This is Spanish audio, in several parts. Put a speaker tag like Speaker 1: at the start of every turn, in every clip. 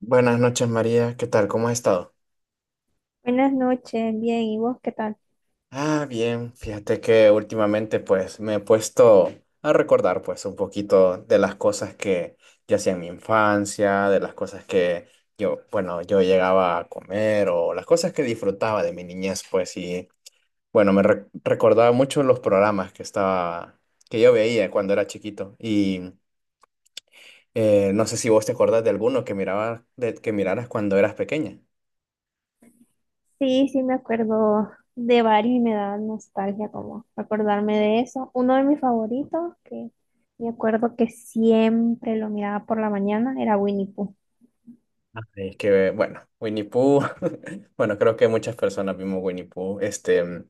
Speaker 1: Buenas noches, María. ¿Qué tal? ¿Cómo has estado?
Speaker 2: Buenas noches, bien, ¿y vos qué tal?
Speaker 1: Ah, bien. Fíjate que últimamente pues me he puesto a recordar pues un poquito de las cosas que yo hacía en mi infancia, de las cosas que yo, bueno, yo llegaba a comer o las cosas que disfrutaba de mi niñez pues. Y bueno, recordaba mucho los programas que estaba, que yo veía cuando era chiquito. Y no sé si vos te acordás de alguno que miraba, que miraras cuando eras pequeña.
Speaker 2: Sí, sí, me acuerdo de varios y me da nostalgia como acordarme de eso. Uno de mis favoritos, que me acuerdo que siempre lo miraba por la mañana, era Winnie Pooh.
Speaker 1: Es que, bueno, Winnie Pooh, bueno, creo que muchas personas vimos Winnie Pooh. Este,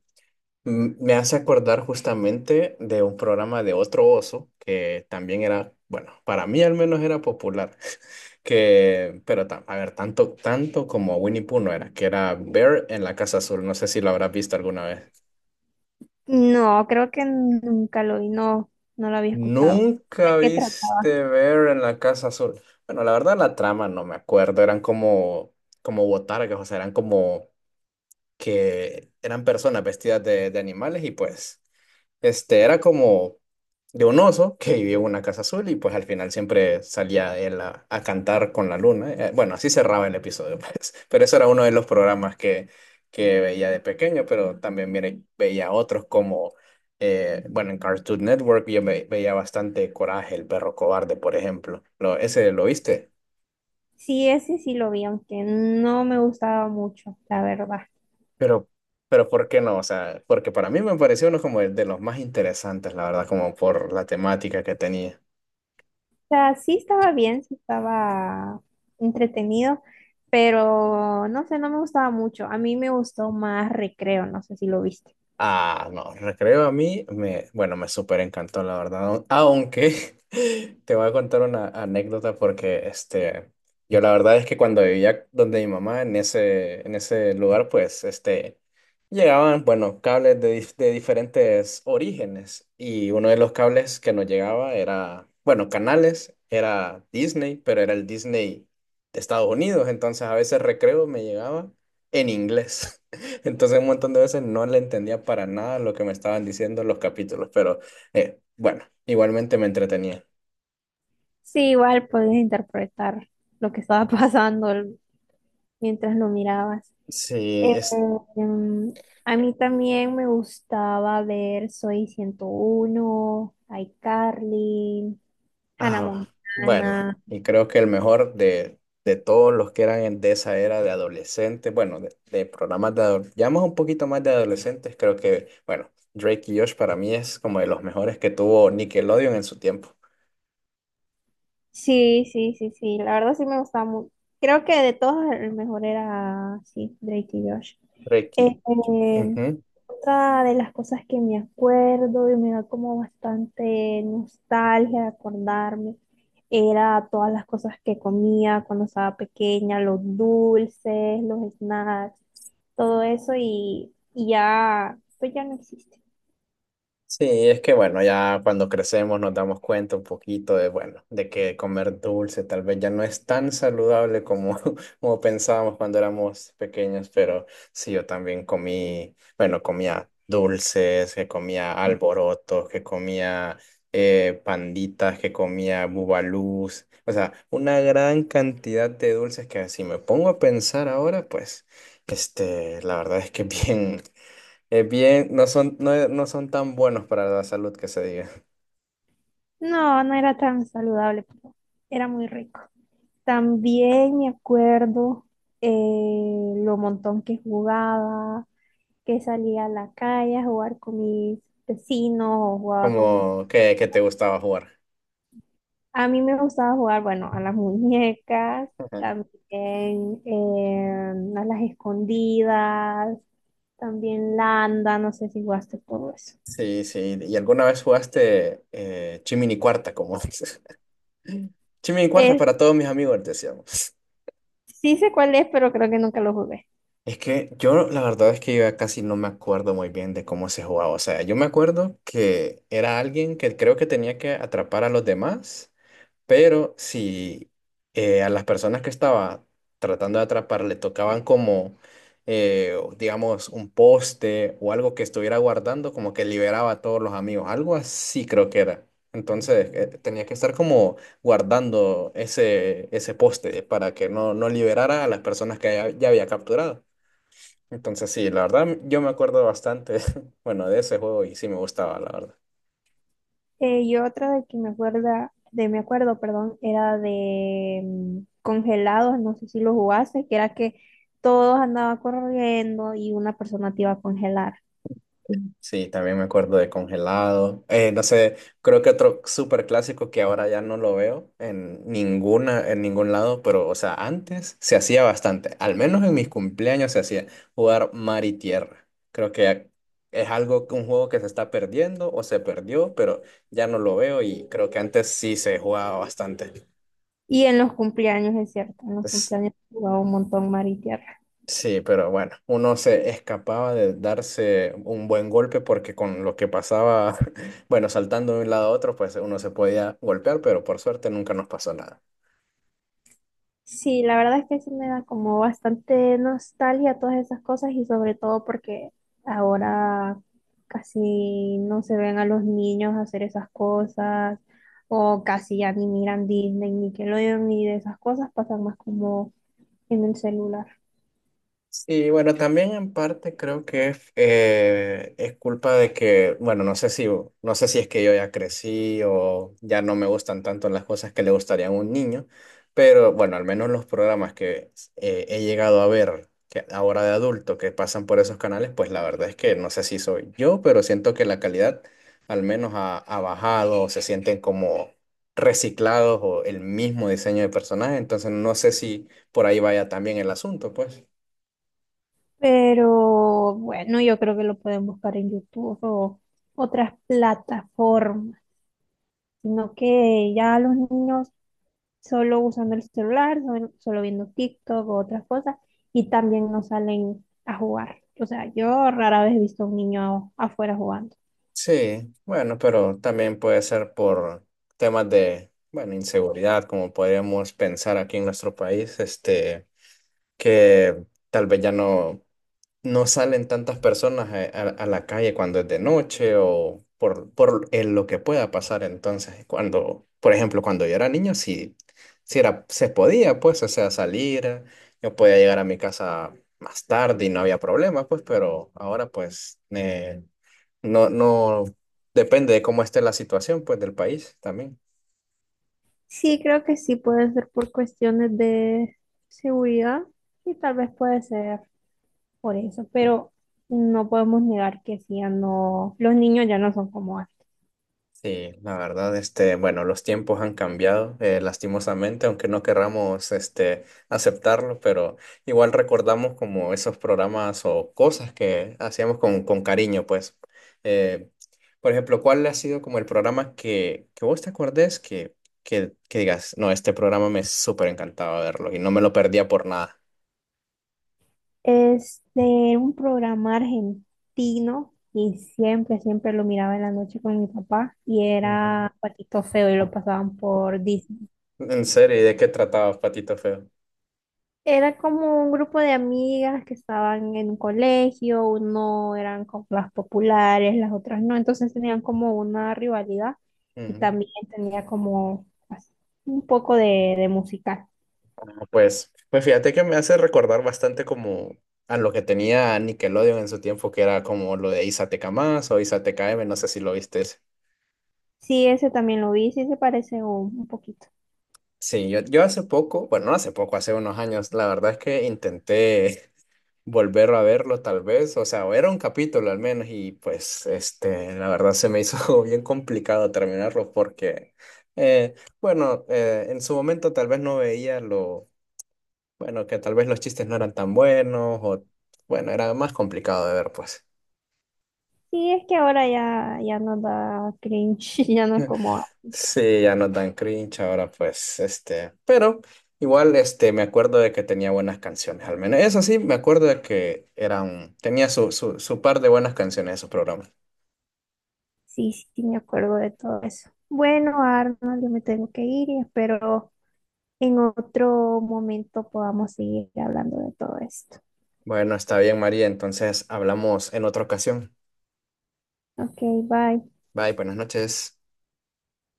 Speaker 1: me hace acordar justamente de un programa de otro oso que también era, bueno, para mí al menos era popular, que, pero a ver, tanto como Winnie Pooh no era, que era Bear en la Casa Azul. No sé si lo habrás visto alguna vez.
Speaker 2: No, creo que nunca lo vi, no, no lo había escuchado. ¿De
Speaker 1: ¿Nunca
Speaker 2: qué trataba?
Speaker 1: viste Bear en la Casa Azul? Bueno, la verdad la trama no me acuerdo, eran como, como botargas, o sea, eran como que eran personas vestidas de animales y pues este era como de un oso que vivía en una casa azul y pues al final siempre salía él a cantar con la luna. Bueno, así cerraba el episodio, pues. Pero eso era uno de los programas que veía de pequeño, pero también mire, veía otros como, bueno, en Cartoon Network yo veía bastante Coraje, el perro cobarde, por ejemplo. Lo, ¿ese lo viste?
Speaker 2: Sí, ese sí lo vi, aunque no me gustaba mucho, la verdad.
Speaker 1: Pero, pero ¿por qué no? O sea, porque para mí me pareció uno como de los más interesantes, la verdad, como por la temática que tenía.
Speaker 2: O sea, sí estaba bien, sí estaba entretenido, pero no sé, no me gustaba mucho. A mí me gustó más Recreo, no sé si lo viste.
Speaker 1: Ah, no, recreo a mí, me, bueno, me súper encantó, la verdad. Aunque te voy a contar una anécdota porque este, yo la verdad es que cuando vivía donde mi mamá, en ese lugar, pues este, llegaban, bueno, cables de, de diferentes orígenes. Y uno de los cables que nos llegaba era, bueno, canales, era Disney, pero era el Disney de Estados Unidos. Entonces a veces recreo me llegaba en inglés. Entonces un montón de veces no le entendía para nada lo que me estaban diciendo los capítulos, pero bueno, igualmente me entretenía.
Speaker 2: Sí, igual podías interpretar lo que estaba pasando mientras lo mirabas.
Speaker 1: Sí,
Speaker 2: Eh,
Speaker 1: es...
Speaker 2: em, a mí también me gustaba ver Soy 101, iCarly, Hannah
Speaker 1: Ah, bueno,
Speaker 2: Montana.
Speaker 1: y creo que el mejor de todos los que eran de esa era de adolescentes, bueno, de programas de adolescentes, ya más un poquito más de adolescentes, creo que, bueno, Drake y Josh para mí es como de los mejores que tuvo Nickelodeon en su tiempo.
Speaker 2: Sí, sí, sí, sí. La verdad sí me gustaba mucho. Creo que de todos el mejor era, sí, Drake y Josh.
Speaker 1: Drake y...
Speaker 2: Este,
Speaker 1: Ujú.
Speaker 2: otra de las cosas que me acuerdo y me da como bastante nostalgia de acordarme era todas las cosas que comía cuando estaba pequeña, los dulces, los snacks, todo eso y ya, pues ya no existe.
Speaker 1: Sí, es que bueno, ya cuando crecemos nos damos cuenta un poquito de, bueno, de que comer dulce tal vez ya no es tan saludable como, como pensábamos cuando éramos pequeños, pero sí, yo también comí, bueno, comía dulces, que comía alborotos, que comía panditas, que comía bubalús, o sea, una gran cantidad de dulces que si me pongo a pensar ahora, pues, este, la verdad es que bien. Bien, no son, no, no son tan buenos para la salud que se diga.
Speaker 2: No, no era tan saludable, pero era muy rico. También me acuerdo lo montón que jugaba, que salía a la calle a jugar con mis vecinos o jugaba con mis...
Speaker 1: Como que te gustaba jugar.
Speaker 2: A mí me gustaba jugar, bueno, a las muñecas,
Speaker 1: Ajá.
Speaker 2: también a las escondidas, también landa, no sé si jugaste todo eso.
Speaker 1: Sí, sí. ¿Y alguna vez jugaste Chimini Cuarta, como dices? Chimini Cuarta
Speaker 2: Eh,
Speaker 1: para todos mis amigos, decíamos.
Speaker 2: sí sé cuál es, pero creo que nunca lo jugué.
Speaker 1: Es que yo, la verdad es que yo ya casi no me acuerdo muy bien de cómo se jugaba. O sea, yo me acuerdo que era alguien que creo que tenía que atrapar a los demás. Pero si a las personas que estaba tratando de atrapar le tocaban como, digamos, un poste o algo que estuviera guardando, como que liberaba a todos los amigos, algo así creo que era. Entonces tenía que estar como guardando ese, ese poste para que no, no liberara a las personas que ya, ya había capturado. Entonces sí, la verdad yo me acuerdo bastante, bueno, de ese juego y sí me gustaba, la verdad.
Speaker 2: Y otra de que me acuerda, de me acuerdo, perdón, era de congelados, no sé si lo jugaste, que era que todos andaban corriendo y una persona te iba a congelar.
Speaker 1: Sí, también me acuerdo de Congelado. No sé, creo que otro súper clásico que ahora ya no lo veo en ninguna, en ningún lado, pero, o sea, antes se hacía bastante. Al menos en mis cumpleaños se hacía jugar mar y tierra. Creo que es algo, un juego que se está perdiendo o se perdió, pero ya no lo veo y creo que antes sí se jugaba bastante.
Speaker 2: Y en los cumpleaños, es cierto, en los cumpleaños jugaba un montón mar y tierra.
Speaker 1: Sí, pero bueno, uno se escapaba de darse un buen golpe porque con lo que pasaba, bueno, saltando de un lado a otro, pues uno se podía golpear, pero por suerte nunca nos pasó nada.
Speaker 2: Sí, la verdad es que sí me da como bastante nostalgia todas esas cosas y sobre todo porque ahora casi no se ven a los niños hacer esas cosas o casi ya ni miran Disney, Nickelodeon ni de esas cosas, pasan más como en el celular.
Speaker 1: Sí, bueno, también en parte creo que es culpa de que, bueno, no sé si, no sé si es que yo ya crecí o ya no me gustan tanto las cosas que le gustarían a un niño, pero bueno, al menos los programas que he llegado a ver que ahora de adulto que pasan por esos canales, pues la verdad es que no sé si soy yo, pero siento que la calidad al menos ha, ha bajado o se sienten como reciclados o el mismo diseño de personaje, entonces no sé si por ahí vaya también el asunto, pues.
Speaker 2: Pero bueno, yo creo que lo pueden buscar en YouTube o otras plataformas, sino que ya los niños solo usando el celular, solo viendo TikTok o otras cosas, y también no salen a jugar. O sea, yo rara vez he visto a un niño afuera jugando.
Speaker 1: Sí, bueno, pero también puede ser por temas de, bueno, inseguridad, como podríamos pensar aquí en nuestro país, este, que tal vez ya no, no salen tantas personas a, a la calle cuando es de noche o por lo que pueda pasar. Entonces, cuando, por ejemplo, cuando yo era niño, sí, sí era, se podía, pues, o sea, salir, yo podía llegar a mi casa más tarde y no había problema, pues, pero ahora, pues, no, no, depende de cómo esté la situación, pues, del país también.
Speaker 2: Sí, creo que sí puede ser por cuestiones de seguridad y tal vez puede ser por eso, pero no podemos negar que sí, ya no, los niños ya no son como antes.
Speaker 1: Sí, la verdad, este, bueno, los tiempos han cambiado, lastimosamente, aunque no querramos, este, aceptarlo, pero igual recordamos como esos programas o cosas que hacíamos con cariño, pues. Eh, por ejemplo, ¿cuál ha sido como el programa que vos te acordés que digas, no, este programa me súper encantaba verlo y no me lo perdía por nada?
Speaker 2: Es de un programa argentino y siempre lo miraba en la noche con mi papá y
Speaker 1: Ujú.
Speaker 2: era Patito Feo y lo pasaban por Disney.
Speaker 1: En serio, ¿y de qué trataba Patito Feo?
Speaker 2: Era como un grupo de amigas que estaban en un colegio, uno eran como las populares, las otras no, entonces tenían como una rivalidad y
Speaker 1: Ujú.
Speaker 2: también tenía como así, un poco de musical.
Speaker 1: No, pues, pues fíjate que me hace recordar bastante como a lo que tenía Nickelodeon en su tiempo, que era como lo de Isateca más o Isateca M, no sé si lo viste.
Speaker 2: Sí, ese también lo vi, sí se parece un poquito.
Speaker 1: Sí, yo hace poco, bueno, no hace poco, hace unos años, la verdad es que intenté volver a verlo tal vez, o sea, o era un capítulo al menos y pues, este, la verdad se me hizo bien complicado terminarlo porque, eh, bueno, en su momento tal vez no veía lo bueno, que tal vez los chistes no eran tan buenos o, bueno, era más complicado de ver, pues.
Speaker 2: Sí, es que ahora ya, ya no da cringe, ya no es como, ah,
Speaker 1: Sí, ya no tan cringe ahora, pues, este, pero igual, este, me acuerdo de que tenía buenas canciones, al menos. Eso sí, me acuerdo de que eran, tenía su, su, su par de buenas canciones esos programas.
Speaker 2: sí, sí, me acuerdo de todo eso. Bueno, Arnold, yo me tengo que ir y espero en otro momento podamos seguir hablando de todo esto.
Speaker 1: Bueno, está bien, María, entonces hablamos en otra ocasión.
Speaker 2: Ok, bye.
Speaker 1: Bye, buenas noches.